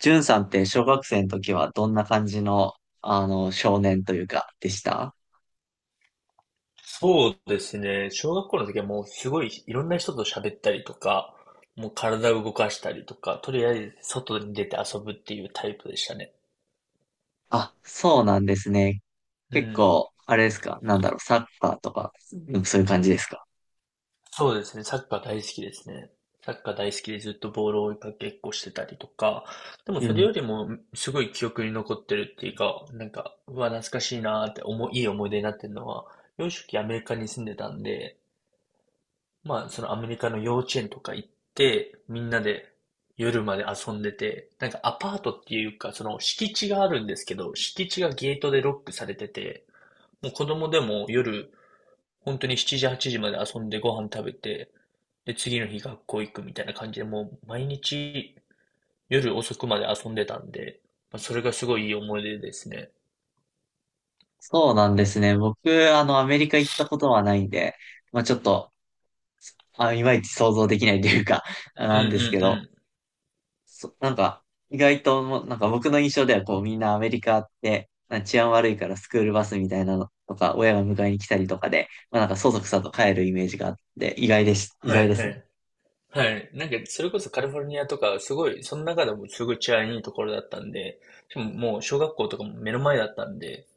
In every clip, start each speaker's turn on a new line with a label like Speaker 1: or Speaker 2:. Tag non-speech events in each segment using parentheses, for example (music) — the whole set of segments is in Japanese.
Speaker 1: ジュンさんって小学生の時はどんな感じの、少年というか、でした？
Speaker 2: そうですね。小学校の時はもうすごいいろんな人と喋ったりとか、もう体を動かしたりとか、とりあえず外に出て遊ぶっていうタイプでしたね。
Speaker 1: あ、そうなんですね。
Speaker 2: う
Speaker 1: 結
Speaker 2: ん。
Speaker 1: 構、あれですか？サッカーとか、うん、そういう感じですか？
Speaker 2: そうですね。サッカー大好きですね。サッカー大好きでずっとボールを追いかけっこしてたりとか、でも
Speaker 1: う
Speaker 2: それ
Speaker 1: ん。
Speaker 2: よりもすごい記憶に残ってるっていうか、なんか、うわ、懐かしいなーっていい思い出になってるのは、幼少期アメリカに住んでたんで、まあ、そのアメリカの幼稚園とか行って、みんなで夜まで遊んでて、なんかアパートっていうか、その敷地があるんですけど、敷地がゲートでロックされてて、もう子供でも夜、本当に7時、8時まで遊んでご飯食べて、で、次の日学校行くみたいな感じで、もう毎日夜遅くまで遊んでたんで、まあ、それがすごいいい思い出ですね。
Speaker 1: そうなんですね。僕、アメリカ行ったことはないんで、まあちょっと、あ、いまいち想像できないというか、(laughs)
Speaker 2: うん
Speaker 1: な
Speaker 2: うん
Speaker 1: ん
Speaker 2: う
Speaker 1: ですけど、
Speaker 2: ん。
Speaker 1: なんか、意外ともう、なんか僕の印象ではこうみんなアメリカって、なんか治安悪いからスクールバスみたいなのとか、親が迎えに来たりとかで、まあなんかそそくさと帰るイメージがあって、意外です、意
Speaker 2: は
Speaker 1: 外
Speaker 2: い
Speaker 1: で
Speaker 2: は
Speaker 1: すね。
Speaker 2: いはい。なんか、それこそカリフォルニアとか、すごい、その中でもすごい治安いいところだったんで、しかももう小学校とかも目の前だったんで、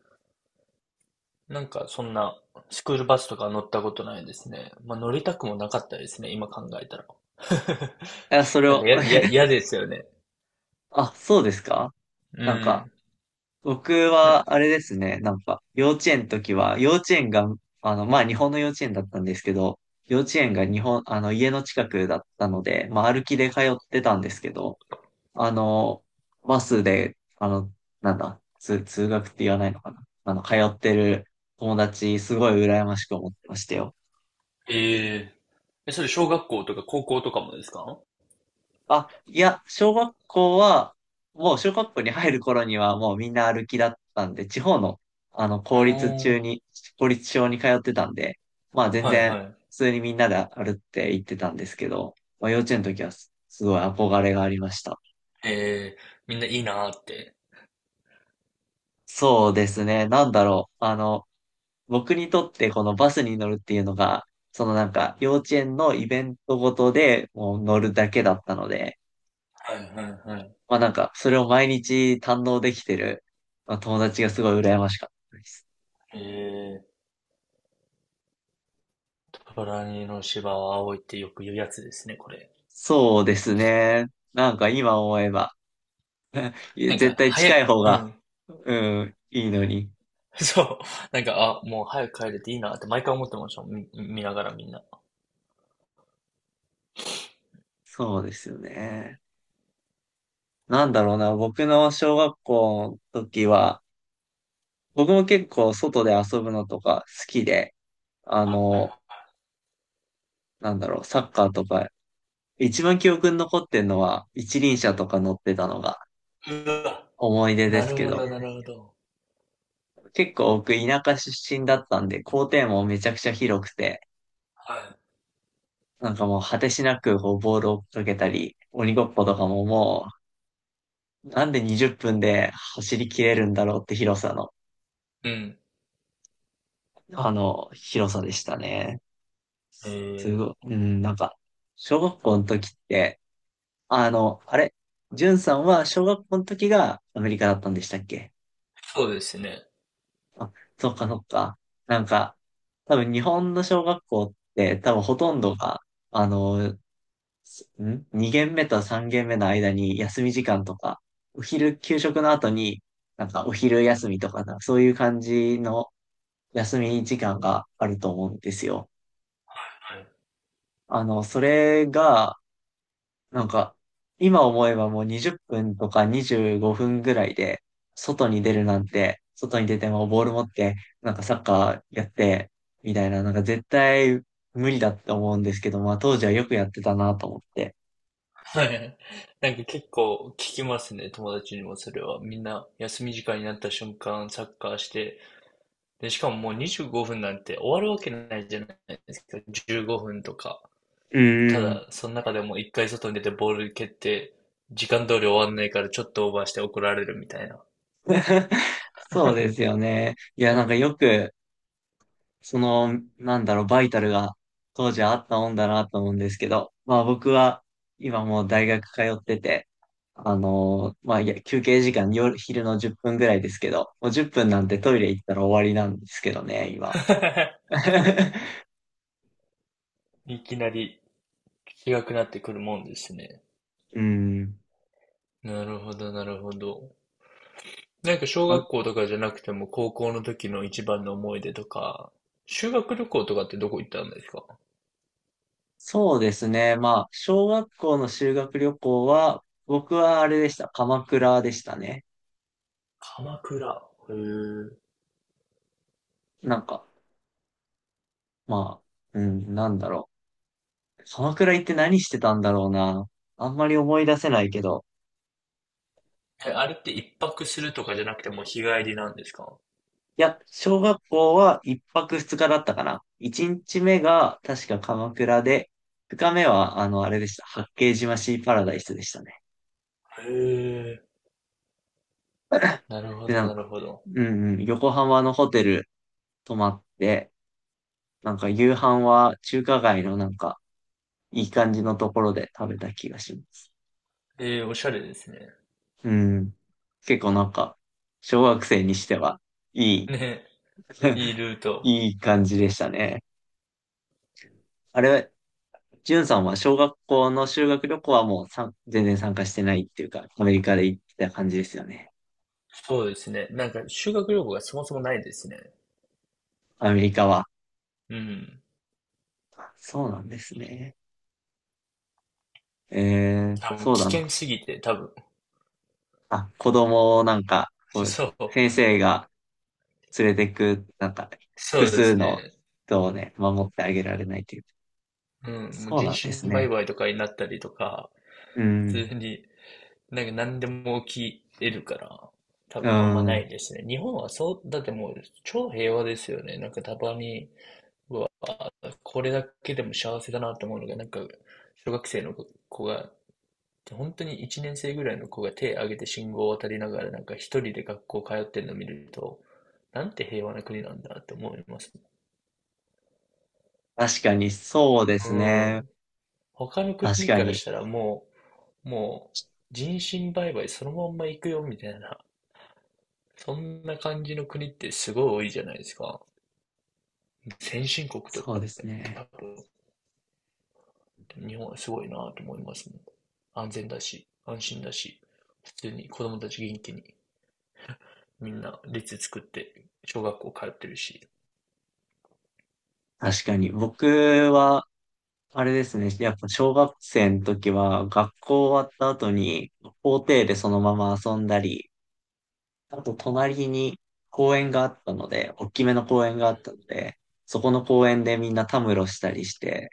Speaker 2: なんかそんなスクールバスとか乗ったことないですね。まあ乗りたくもなかったですね、今考えたら。(laughs)
Speaker 1: あ、それ
Speaker 2: なん
Speaker 1: を、
Speaker 2: か嫌ですよね。
Speaker 1: あ、そうですか？
Speaker 2: う
Speaker 1: なんか、
Speaker 2: ん。
Speaker 1: 僕
Speaker 2: ね
Speaker 1: はあれですね、なんか、幼稚園の時は、幼稚園が、まあ日本の幼稚園だったんですけど、幼稚園が日本、家の近くだったので、まあ歩きで通ってたんですけど、あの、バスで、なんだ、通学って言わないのかな。通ってる友達、すごい羨ましく思ってましたよ。
Speaker 2: え。ええ、それ小学校とか高校とかもですか？おー、
Speaker 1: あ、いや、小学校は、もう小学校に入る頃にはもうみんな歩きだったんで、地方の、あの、
Speaker 2: あ
Speaker 1: 公立中
Speaker 2: の、
Speaker 1: に、公立小に通ってたんで、まあ全
Speaker 2: はい
Speaker 1: 然、
Speaker 2: はい。
Speaker 1: 普通にみんなで歩って行ってたんですけど、まあ幼稚園の時はすすごい憧れがありました。
Speaker 2: ええ、みんないいなーって。
Speaker 1: そうですね、僕にとってこのバスに乗るっていうのが、そのなんか幼稚園のイベントごとでもう乗るだけだったので、
Speaker 2: はいはいはい。
Speaker 1: まあなんかそれを毎日堪能できてる、まあ、友達がすごい羨ましかったです。
Speaker 2: ええー、トラにの芝は青いってよく言うやつですね、これ。
Speaker 1: そうですね。なんか今思えば (laughs)
Speaker 2: なん
Speaker 1: 絶
Speaker 2: か、
Speaker 1: 対
Speaker 2: 早
Speaker 1: 近い
Speaker 2: い。
Speaker 1: 方
Speaker 2: う
Speaker 1: が、
Speaker 2: ん。
Speaker 1: うん、いいのに。
Speaker 2: (laughs) そう。なんか、あ、もう早く帰れていいなって毎回思ってましたもん。見ながらみんな。
Speaker 1: そうですよね。なんだろうな、僕の小学校の時は、僕も結構外で遊ぶのとか好きで、あの、サッカーとか一番記憶に残ってんのは、一輪車とか乗ってたのが
Speaker 2: うわ。
Speaker 1: 思い出で
Speaker 2: な
Speaker 1: す
Speaker 2: る
Speaker 1: け
Speaker 2: ほど、
Speaker 1: ど、
Speaker 2: なるほど。
Speaker 1: 結構僕田舎出身だったんで、校庭もめちゃくちゃ広くて、
Speaker 2: は
Speaker 1: なんかもう果てしなくこうボールを追っかけたり、鬼ごっことかももう、なんで20分で走り切れるんだろうって広さの、
Speaker 2: い。うん。
Speaker 1: 広さでしたね。
Speaker 2: え
Speaker 1: す
Speaker 2: ー、
Speaker 1: ごい、うん、なんか、小学校の時って、あの、あれ、んさんは小学校の時がアメリカだったんでしたっけ？
Speaker 2: そうですね。
Speaker 1: あ、そっかそっか。なんか、多分日本の小学校って多分ほとんどが、あの、ん ?2 限目と3限目の間に休み時間とか、お昼給食の後に、なんかお昼休みとかな、そういう感じの休み時間があると思うんですよ。
Speaker 2: はい。
Speaker 1: それが、なんか、今思えばもう20分とか25分ぐらいで、外に出るなんて、外に出てもボール持って、なんかサッカーやって、みたいな、なんか絶対無理だって思うんですけど、まあ当時はよくやってたなと思って。
Speaker 2: はい。(laughs) なんか結構聞きますね、友達にもそれは。みんな休み時間になった瞬間サッカーして、で、しかももう25分なんて終わるわけないじゃないですか。15分とか。
Speaker 1: うんう
Speaker 2: た
Speaker 1: ん。
Speaker 2: だ、その中でも一回外に出てボール蹴って、時間通り終わんないからちょっとオーバーして怒られるみたいな。
Speaker 1: (laughs) そうです
Speaker 2: (laughs)
Speaker 1: よね。いや、
Speaker 2: う
Speaker 1: なんか
Speaker 2: ん。
Speaker 1: よく、その、バイタルが当時あったもんだなと思うんですけど、まあ僕は今もう大学通ってて、まあいや休憩時間昼の10分ぐらいですけど、もう10分なんてトイレ行ったら終わりなんですけどね、今。
Speaker 2: (laughs)
Speaker 1: (laughs)
Speaker 2: いきなり違くなってくるもんですね。
Speaker 1: うん。
Speaker 2: なるほど、なるほど。なんか小学
Speaker 1: あ、
Speaker 2: 校とかじゃなくても高校の時の一番の思い出とか、修学旅行とかってどこ行ったんですか？
Speaker 1: そうですね。まあ、小学校の修学旅行は、僕はあれでした。鎌倉でしたね。
Speaker 2: 鎌倉。へ
Speaker 1: なんか、まあ、うん、なんだろう。鎌倉行って何してたんだろうな。あんまり思い出せないけど、
Speaker 2: え。え、あれって一泊するとかじゃなくてもう日帰りなんですか？
Speaker 1: いや、小学校は一泊二日だったかな。一日目が確か鎌倉で、二日目はあれでした。八景島シーパラダイスでしたね。
Speaker 2: へえ。なるほ
Speaker 1: で、
Speaker 2: ど、
Speaker 1: なん
Speaker 2: なる
Speaker 1: か、
Speaker 2: ほど。
Speaker 1: うんうん、横浜のホテル泊まって、なんか夕飯は中華街のなんか、いい感じのところで食べた気がします。
Speaker 2: えー、おしゃれですね。
Speaker 1: うん。結構なんか、小学生にしては、いい
Speaker 2: ね、いいルー
Speaker 1: (laughs)
Speaker 2: ト。
Speaker 1: いい感じでしたね。あれ、ジュンさんは小学校の修学旅行はもうさん全然参加してないっていうか、アメリカで行ってた感じですよね。
Speaker 2: そうですね。なんか修学旅行がそもそもないですね。
Speaker 1: アメリカは。
Speaker 2: うん。
Speaker 1: あ、そうなんですね。
Speaker 2: あ、もう
Speaker 1: そう
Speaker 2: 危
Speaker 1: だな。
Speaker 2: 険すぎて、多分。
Speaker 1: あ、子供をなんか、こ
Speaker 2: (laughs)
Speaker 1: う、
Speaker 2: そう。
Speaker 1: 先生が連れてく、なんか、複
Speaker 2: そうで
Speaker 1: 数
Speaker 2: す
Speaker 1: の
Speaker 2: ね。
Speaker 1: 人をね、守ってあげられないという。
Speaker 2: うん。もう
Speaker 1: そう
Speaker 2: 人
Speaker 1: なんです
Speaker 2: 身売
Speaker 1: ね。
Speaker 2: 買とかになったりとか、
Speaker 1: う
Speaker 2: 普
Speaker 1: ん。
Speaker 2: 通に、なんか何でも起き得るから、多
Speaker 1: う
Speaker 2: 分あんまな
Speaker 1: ん。
Speaker 2: いですね。日本はそう、だってもう超平和ですよね。なんかたまに、これだけでも幸せだなって思うのが、なんか、小学生の子が本当に1年生ぐらいの子が手を挙げて信号を渡りながら、なんか一人で学校通ってるのを見ると、なんて平和な国なんだって思いますね。
Speaker 1: 確かに、そうで
Speaker 2: う
Speaker 1: すね。
Speaker 2: ん。他の
Speaker 1: 確
Speaker 2: 国
Speaker 1: か
Speaker 2: から
Speaker 1: に。
Speaker 2: したらもう、もう人身売買そのまんま行くよみたいな、そんな感じの国ってすごい多いじゃないですか。先進国と
Speaker 1: そう
Speaker 2: か
Speaker 1: で
Speaker 2: っ
Speaker 1: す
Speaker 2: て多
Speaker 1: ね。
Speaker 2: 分、日本はすごいなと思いますもん。安全だし、安心だし、普通に子供たち元気にみんな列作って小学校通ってるし。
Speaker 1: 確かに。僕は、あれですね。やっぱ小学生の時は学校終わった後に校庭でそのまま遊んだり、あと隣に公園があったので、大きめの公園があったので、そこの公園でみんなたむろしたりして、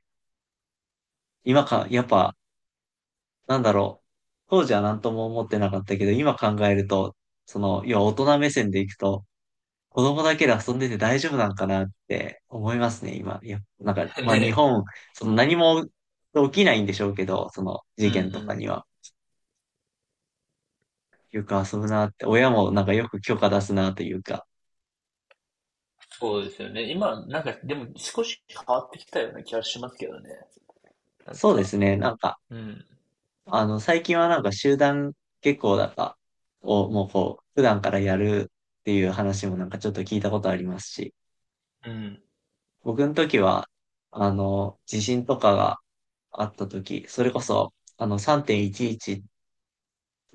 Speaker 1: 今か、やっぱ、なんだろう。当時は何とも思ってなかったけど、今考えると、その、要は大人目線でいくと、子供だけで遊んでて大丈夫なんかなって思いますね、今。いや、なんか、
Speaker 2: (laughs)
Speaker 1: ま
Speaker 2: ね
Speaker 1: あ日
Speaker 2: え。
Speaker 1: 本、その何も起きないんでしょうけど、その
Speaker 2: う
Speaker 1: 事
Speaker 2: んう
Speaker 1: 件とかに
Speaker 2: ん。
Speaker 1: は。よく遊ぶなって、親もなんかよく許可出すなというか。
Speaker 2: そうですよね。今、なんか、でも少し変わってきたような気がしますけどね。なん
Speaker 1: そうで
Speaker 2: か、
Speaker 1: すね、なんか、
Speaker 2: うん。
Speaker 1: 最近はなんか集団下校だかをもうこう、普段からやるっていう話もなんかちょっと聞いたことありますし、
Speaker 2: うん。
Speaker 1: 僕の時は、地震とかがあった時、それこそ、3.11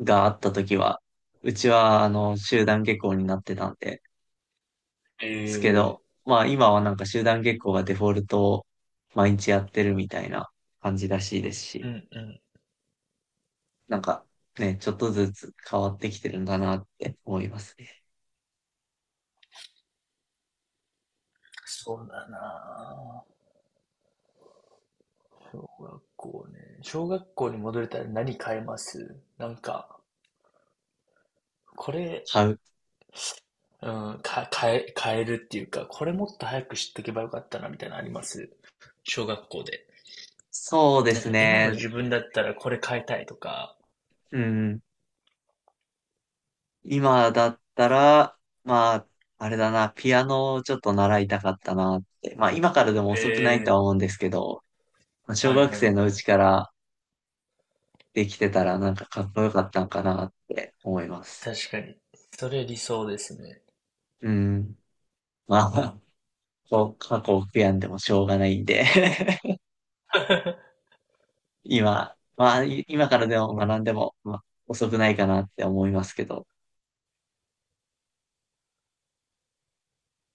Speaker 1: があった時は、うちはあの集団下校になってたんで
Speaker 2: え
Speaker 1: すけ
Speaker 2: え。
Speaker 1: ど、まあ今はなんか集団下校がデフォルトを毎日やってるみたいな感じらしいです
Speaker 2: う
Speaker 1: し、
Speaker 2: んうん。
Speaker 1: なんかね、ちょっとずつ変わってきてるんだなって思いますね。
Speaker 2: そうだなぁ、小学校ね。小学校に戻れたら何変えます？なんか、これ、
Speaker 1: 買う。
Speaker 2: うん、か、変え、変えるっていうか、これもっと早く知っとけばよかったな、みたいなのあります？小学校で。
Speaker 1: そうで
Speaker 2: なん
Speaker 1: す
Speaker 2: か今の
Speaker 1: ね。
Speaker 2: 自分だったらこれ変えたいとか。
Speaker 1: うん。今だったら、まあ、あれだな、ピアノをちょっと習いたかったなって。まあ今からでも遅くないと
Speaker 2: ええ、
Speaker 1: は思うんですけど、まあ小
Speaker 2: はい
Speaker 1: 学
Speaker 2: はい
Speaker 1: 生のう
Speaker 2: は
Speaker 1: ち
Speaker 2: い。
Speaker 1: からできてたらなんかかっこよかったんかなって思います。
Speaker 2: 確かに。それ理想ですね。
Speaker 1: うん。まあ、(laughs) こう、過去を悔やんでもしょうがないんで (laughs) 今、まあ、今からでも学んでも、まあ、遅くないかなって思いますけど。